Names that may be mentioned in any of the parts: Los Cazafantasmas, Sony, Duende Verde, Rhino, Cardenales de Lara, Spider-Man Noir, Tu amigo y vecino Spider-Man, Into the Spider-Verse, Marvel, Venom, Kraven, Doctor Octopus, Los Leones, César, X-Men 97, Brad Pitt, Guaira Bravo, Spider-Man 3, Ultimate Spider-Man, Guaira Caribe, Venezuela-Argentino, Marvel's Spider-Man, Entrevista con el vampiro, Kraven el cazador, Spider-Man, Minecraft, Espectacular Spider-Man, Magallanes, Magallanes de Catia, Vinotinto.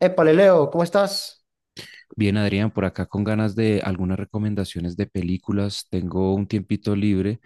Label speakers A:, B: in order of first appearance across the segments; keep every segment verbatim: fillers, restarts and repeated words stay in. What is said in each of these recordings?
A: Épale, Leo, ¿cómo estás?
B: Bien, Adrián, por acá con ganas de algunas recomendaciones de películas. Tengo un tiempito libre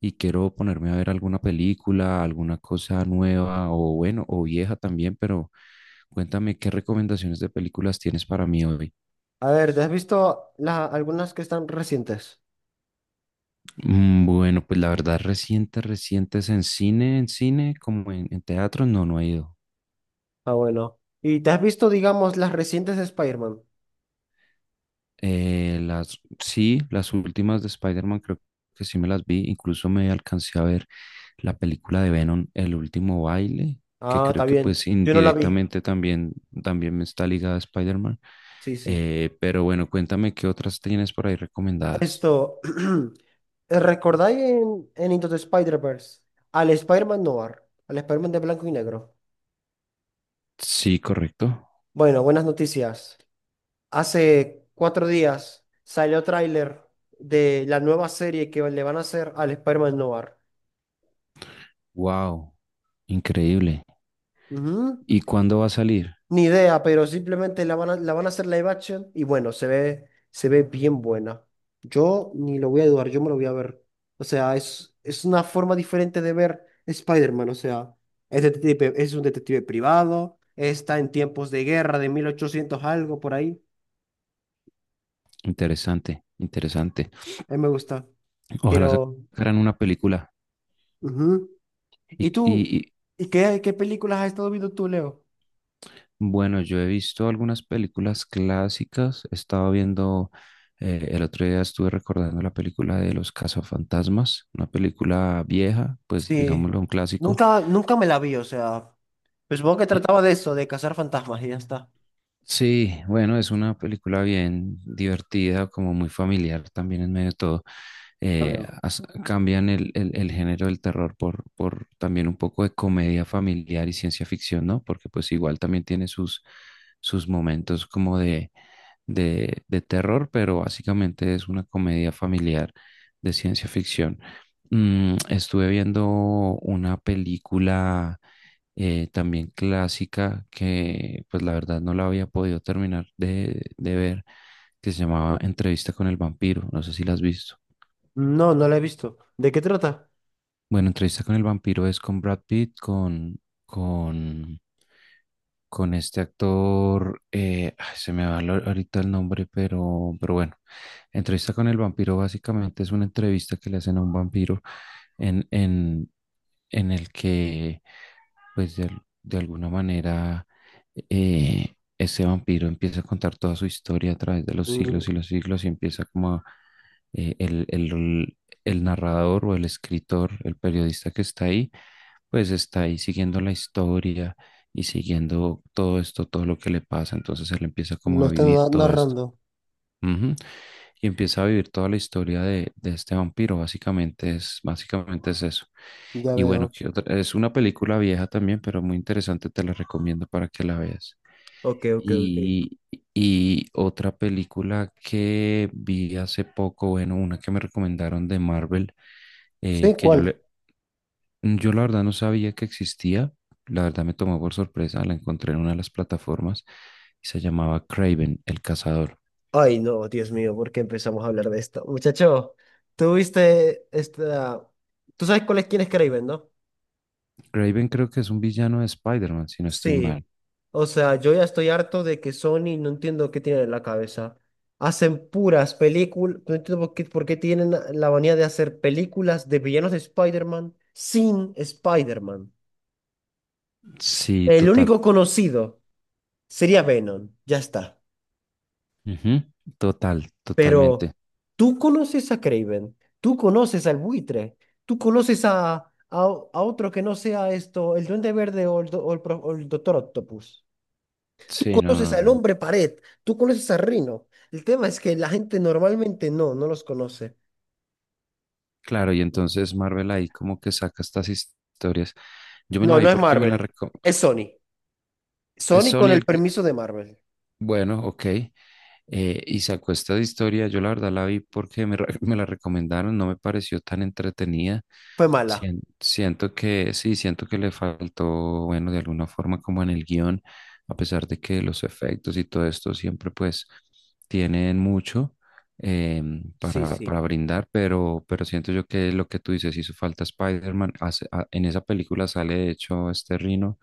B: y quiero ponerme a ver alguna película, alguna cosa nueva o bueno, o vieja también, pero cuéntame qué recomendaciones de películas tienes para mí hoy.
A: A ver, ¿te has visto la- algunas que están recientes?
B: Mm, Bueno, pues la verdad, reciente, recientes en cine, en cine, como en, en teatro, no, no he ido.
A: Ah, bueno. ¿Y te has visto, digamos, las recientes de Spider-Man?
B: Eh, las, sí, las últimas de Spider-Man creo que sí me las vi. Incluso me alcancé a ver la película de Venom, El último baile, que
A: Ah, está
B: creo que
A: bien.
B: pues
A: Yo no la vi.
B: indirectamente también, también me está ligada a Spider-Man.
A: Sí, sí.
B: Eh, pero bueno, cuéntame qué otras tienes por ahí recomendadas.
A: Esto, ¿recordáis en, en Into the Spider-Verse al Spider-Man Noir, al Spider-Man de blanco y negro?
B: Sí, correcto.
A: Bueno, buenas noticias. Hace cuatro días salió tráiler de la nueva serie que le van a hacer al Spider-Man Noir.
B: Wow, increíble.
A: Ujú.
B: ¿Y cuándo va a salir?
A: Ni idea, pero simplemente la van a, la van a hacer live action y bueno, se ve, se ve bien buena. Yo ni lo voy a dudar, yo me lo voy a ver. O sea, es, es una forma diferente de ver Spider-Man. O sea, es, detective- es un detective privado, está en tiempos de guerra de mil ochocientos algo por ahí.
B: Interesante, interesante.
A: A mí me gusta.
B: Ojalá
A: Quiero.
B: sacaran una película.
A: Ujú.
B: ¿Y,
A: ¿Y tú?
B: y,
A: ¿Y qué, qué películas has estado viendo tú, Leo?
B: Bueno, yo he visto algunas películas clásicas. Estaba viendo, eh, el otro día estuve recordando la película de Los Cazafantasmas, una película vieja, pues
A: Sí.
B: digámoslo un clásico.
A: Nunca, nunca me la vi, o sea, pues supongo que trataba de eso, de cazar fantasmas y ya está.
B: Sí, bueno, es una película bien divertida, como muy familiar también en medio de todo. Eh, as- cambian el, el- el género del terror por, por también un poco de comedia familiar y ciencia ficción, ¿no? Porque pues igual también tiene sus, sus momentos como de, de, de terror, pero básicamente es una comedia familiar de ciencia ficción. Mm, estuve viendo una película eh, también clásica, que pues la verdad no la había podido terminar de, de ver, que se llamaba Entrevista con el vampiro, no sé si la has visto.
A: No, no la he visto. ¿De qué trata?
B: Bueno, entrevista con el vampiro es con Brad Pitt, con, con, con este actor, eh, ay, se me va lo- ahorita el nombre, pero, pero bueno, entrevista con el vampiro básicamente es una entrevista que le hacen a un vampiro en, en, en el que, pues de, al- de alguna manera, eh, ese vampiro empieza a contar toda su historia a través de los siglos
A: Mm,
B: y los siglos y empieza como a, eh, el, el- el narrador o el escritor, el periodista que está ahí, pues está ahí siguiendo la historia y siguiendo todo esto, todo lo que le pasa. Entonces él empieza
A: Lo
B: como a
A: están
B: vivir
A: na-
B: todo esto.
A: narrando,
B: Ujú. Y empieza a vivir toda la historia de, de este vampiro. Básicamente es, básicamente es eso.
A: ya
B: Y bueno,
A: veo.
B: ¿qué otra? Es una película vieja también, pero muy interesante. Te la recomiendo para que la veas.
A: Ok, ok, ok.
B: Y, y otra película que vi hace poco, bueno, una que me recomendaron de Marvel, eh,
A: ¿Sí?
B: que yo
A: ¿Cuál?
B: le, yo la verdad no sabía que existía, la verdad me tomó por sorpresa, la encontré en una de las plataformas y se llamaba Kraven el cazador.
A: Ay, no, Dios mío, ¿por qué empezamos a hablar de esto? Muchacho, tú viste esta. ¿Tú sabes cuál es quién es Kraven, no?
B: Kraven creo que es un villano de Spider-Man, si no estoy
A: Sí.
B: mal.
A: O sea, yo ya estoy harto de que Sony, no entiendo qué tienen en la cabeza. Hacen puras películas, no entiendo por qué, por qué tienen la manía de hacer películas de villanos de Spider-Man sin Spider-Man.
B: Sí,
A: El
B: total.
A: único conocido. Sería Venom, ya está.
B: Ujú, total,
A: Pero
B: totalmente.
A: tú conoces a Craven, tú conoces al buitre, tú conoces a, a, a otro que no sea esto, el Duende Verde o el, do- o el pro- o el Doctor Octopus. Tú
B: Sí, no,
A: conoces
B: no,
A: al
B: no.
A: hombre pared, tú conoces a Rhino. El tema es que la gente normalmente no, no los conoce.
B: Claro, y entonces Marvel ahí como que saca estas historias. Yo me la
A: No, no
B: vi
A: es
B: porque me la,
A: Marvel,
B: reco-
A: es Sony.
B: es
A: Sony
B: Sony
A: con el
B: el que...
A: permiso de Marvel.
B: Bueno, ok. Eh, y sacó esta de historia. Yo la verdad la vi porque me, re- me la recomendaron. No me pareció tan entretenida.
A: Fue mala.
B: Sien- Siento que sí, siento que le faltó, bueno, de alguna forma como en el guión, a pesar de que los efectos y todo esto siempre pues tienen mucho em,
A: Sí,
B: para, para
A: sí.
B: brindar, pero, pero siento yo que lo que tú dices hizo falta Spider-Man, hace- a- en esa película sale de hecho este Rino,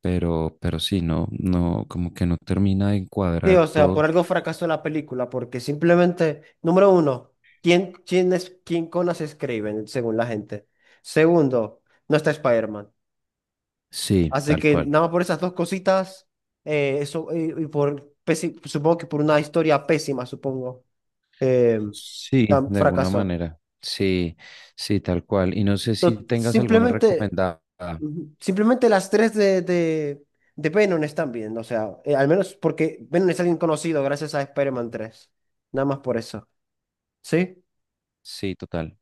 B: pero, pero sí, no, no, como que no termina de
A: Sí,
B: encuadrar
A: o sea, por
B: todo.
A: algo fracasó la película, porque simplemente, número uno, ¿quién, quién es, quién conas escriben, según la gente? Segundo, no está Spider-Man.
B: Sí,
A: Así
B: tal
A: que
B: cual.
A: nada más por esas dos cositas, eh, eso, y, y por, pési- supongo que por una historia pésima, supongo, eh,
B: Sí,
A: tam-
B: de alguna
A: fracasó.
B: manera. Sí, sí, tal cual. Y no sé si
A: No,
B: tengas alguna
A: simplemente,
B: recomendada.
A: ujú, simplemente las tres de, de, de Venom están bien, o sea, eh, al menos porque Venom es alguien conocido gracias a Spider-Man tres. Nada más por eso, ¿sí?
B: Sí, total,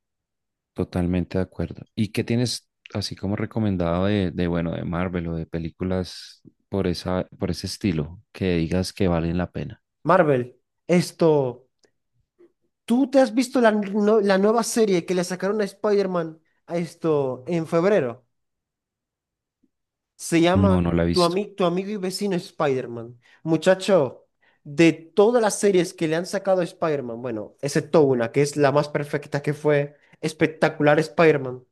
B: totalmente de acuerdo. ¿Y qué tienes así como recomendado de, de bueno, de Marvel o de películas por esa, por ese estilo que digas que valen la pena?
A: Marvel, esto, ¿tú te has visto la, no- la nueva serie que le sacaron a Spider-Man a esto en febrero? Se
B: No,
A: llama
B: no la he
A: Tu,
B: visto.
A: ami- Tu amigo y vecino Spider-Man. Muchacho, de todas las series que le han sacado a Spider-Man, bueno, excepto una, que es la más perfecta, que fue Espectacular Spider-Man,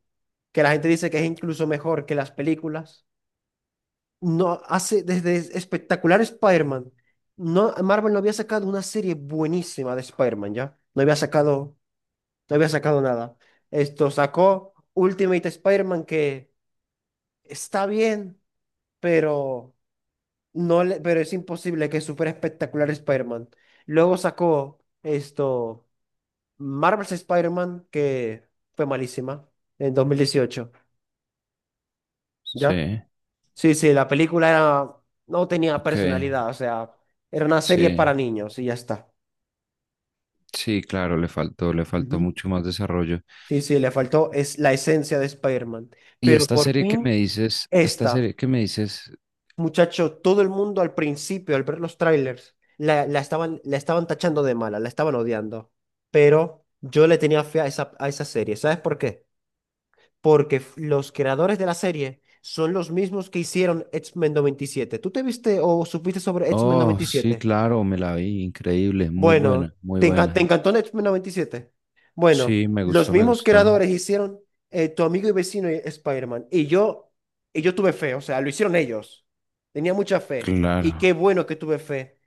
A: que la gente dice que es incluso mejor que las películas. No hace, Desde Espectacular Spider-Man, no, Marvel no había sacado una serie buenísima de Spider-Man, ¿ya? No había sacado No había sacado nada. Esto sacó Ultimate Spider-Man que está bien, pero no le, pero es imposible que supere espectacular Spider-Man. Luego sacó esto Marvel's Spider-Man que fue malísima en dos mil dieciocho,
B: Sí,
A: ¿ya? Sí, sí, la película era, no tenía
B: ok,
A: personalidad, o sea, era una serie
B: sí,
A: para niños y ya está.
B: sí, claro, le faltó, le faltó
A: Ujú.
B: mucho más desarrollo.
A: Sí, sí, le faltó es la esencia de Spider-Man,
B: Y
A: pero
B: esta
A: por
B: serie que me
A: fin
B: dices, esta
A: esta.
B: serie que me dices
A: Muchacho, todo el mundo al principio, al ver los trailers, la, la estaban, la estaban tachando de mala, la estaban odiando. Pero yo le tenía fe a esa, a esa serie. ¿Sabes por qué? Porque f- los creadores de la serie son los mismos que hicieron X-Men noventa y siete. ¿Tú te viste o supiste sobre X-Men
B: oh, sí,
A: noventa y siete?
B: claro, me la vi, increíble, muy
A: Bueno,
B: buena, muy
A: ¿te, enca-
B: buena.
A: te
B: Y
A: encantó X-Men noventa y siete? Bueno,
B: sí, me
A: los
B: gustó, me
A: mismos
B: gustó.
A: creadores hicieron eh, Tu amigo y vecino y Spider-Man. Y yo, y yo tuve fe, o sea, lo hicieron ellos. Tenía mucha fe. Y
B: Claro.
A: qué bueno que tuve fe.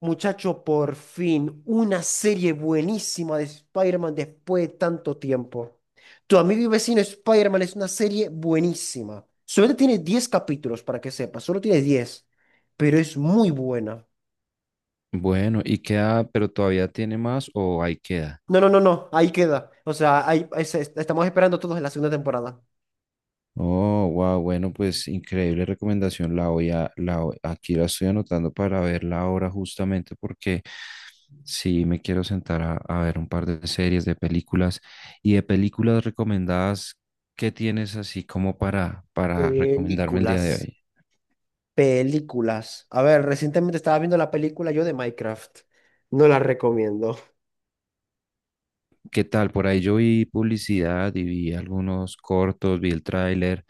A: Muchacho, por fin, una serie buenísima de Spider-Man después de tanto tiempo. Tu amigo y vecino Spider-Man es una serie buenísima. Solo tiene diez capítulos, para que sepas, solo tiene diez, pero es muy buena.
B: Bueno, ¿y queda, pero todavía tiene más o ahí queda?
A: No, no, no, no, ahí queda. O sea, ahí, ese- estamos esperando todos en la segunda temporada.
B: Oh, wow, bueno, pues increíble recomendación. La voy a, la, voy- aquí la estoy anotando para verla ahora justamente porque sí me quiero sentar a, a ver un par de series, de películas y de películas recomendadas. ¿Qué tienes así como para, para recomendarme el día de
A: Películas,
B: hoy?
A: películas. A ver, recientemente estaba viendo la película yo de Minecraft. No la recomiendo.
B: ¿Qué tal? Por ahí yo vi publicidad y vi algunos cortos, vi el tráiler.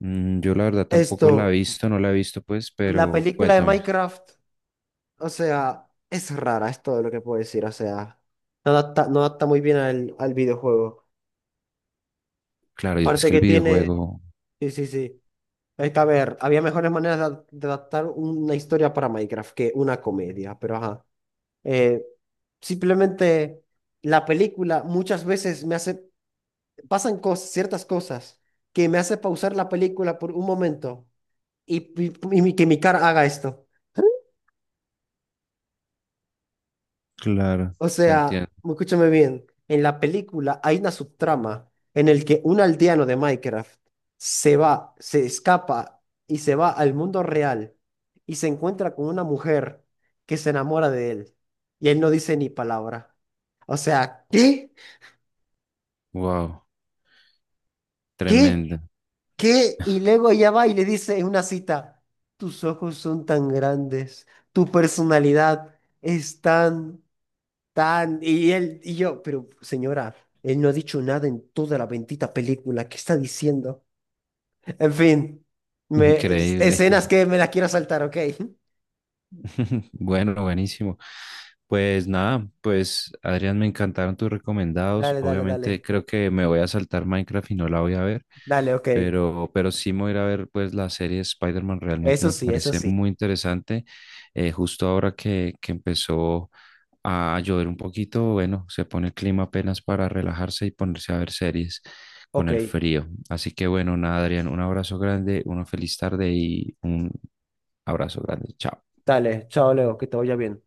B: Mm, Yo la verdad tampoco la he
A: Esto,
B: visto, no la he visto pues,
A: la
B: pero
A: película de
B: cuéntame.
A: Minecraft, o sea, es rara, es todo lo que puedo decir. O sea, no adapta, no adapta muy bien al, al videojuego.
B: Claro, y es
A: Aparte
B: que el
A: que tiene,
B: videojuego,
A: sí, sí, sí. Es que, a ver, había mejores maneras de, ad- de adaptar una historia para Minecraft que una comedia, pero ajá. Eh, Simplemente la película muchas veces me hace, pasan cosas, ciertas cosas que me hace pausar la película por un momento y, y- y mi- que mi cara haga esto.
B: claro,
A: O
B: te
A: sea,
B: entiendo.
A: escúchame bien, en la película hay una subtrama en el que un aldeano de Minecraft se va, se escapa y se va al mundo real y se encuentra con una mujer que se enamora de él y él no dice ni palabra. O sea, ¿qué?
B: Wow,
A: ¿Qué?
B: tremendo,
A: ¿Qué? Y luego ella va y le dice en una cita, tus ojos son tan grandes, tu personalidad es tan, tan. Y él y yo, pero señora, él no ha dicho nada en toda la bendita película, ¿qué está diciendo? En fin, me, es- escenas
B: increíble.
A: que me las quiero saltar, ¿ok?
B: Bueno, buenísimo. Pues nada, pues Adrián, me encantaron tus recomendados.
A: Dale, dale,
B: Obviamente
A: dale,
B: creo que me voy a saltar Minecraft y no la voy a ver,
A: dale, ok.
B: pero, pero sí me voy a ir a ver pues la serie Spider-Man, realmente
A: Eso
B: me
A: sí, eso
B: parece
A: sí.
B: muy interesante. Eh, justo ahora que, que empezó a llover un poquito, bueno, se pone el clima apenas para relajarse y ponerse a ver series con
A: Ok,
B: el frío. Así que bueno, nada, Adrián, un abrazo grande, una feliz tarde y un abrazo grande. Chao.
A: dale, chao Leo, que te vaya bien.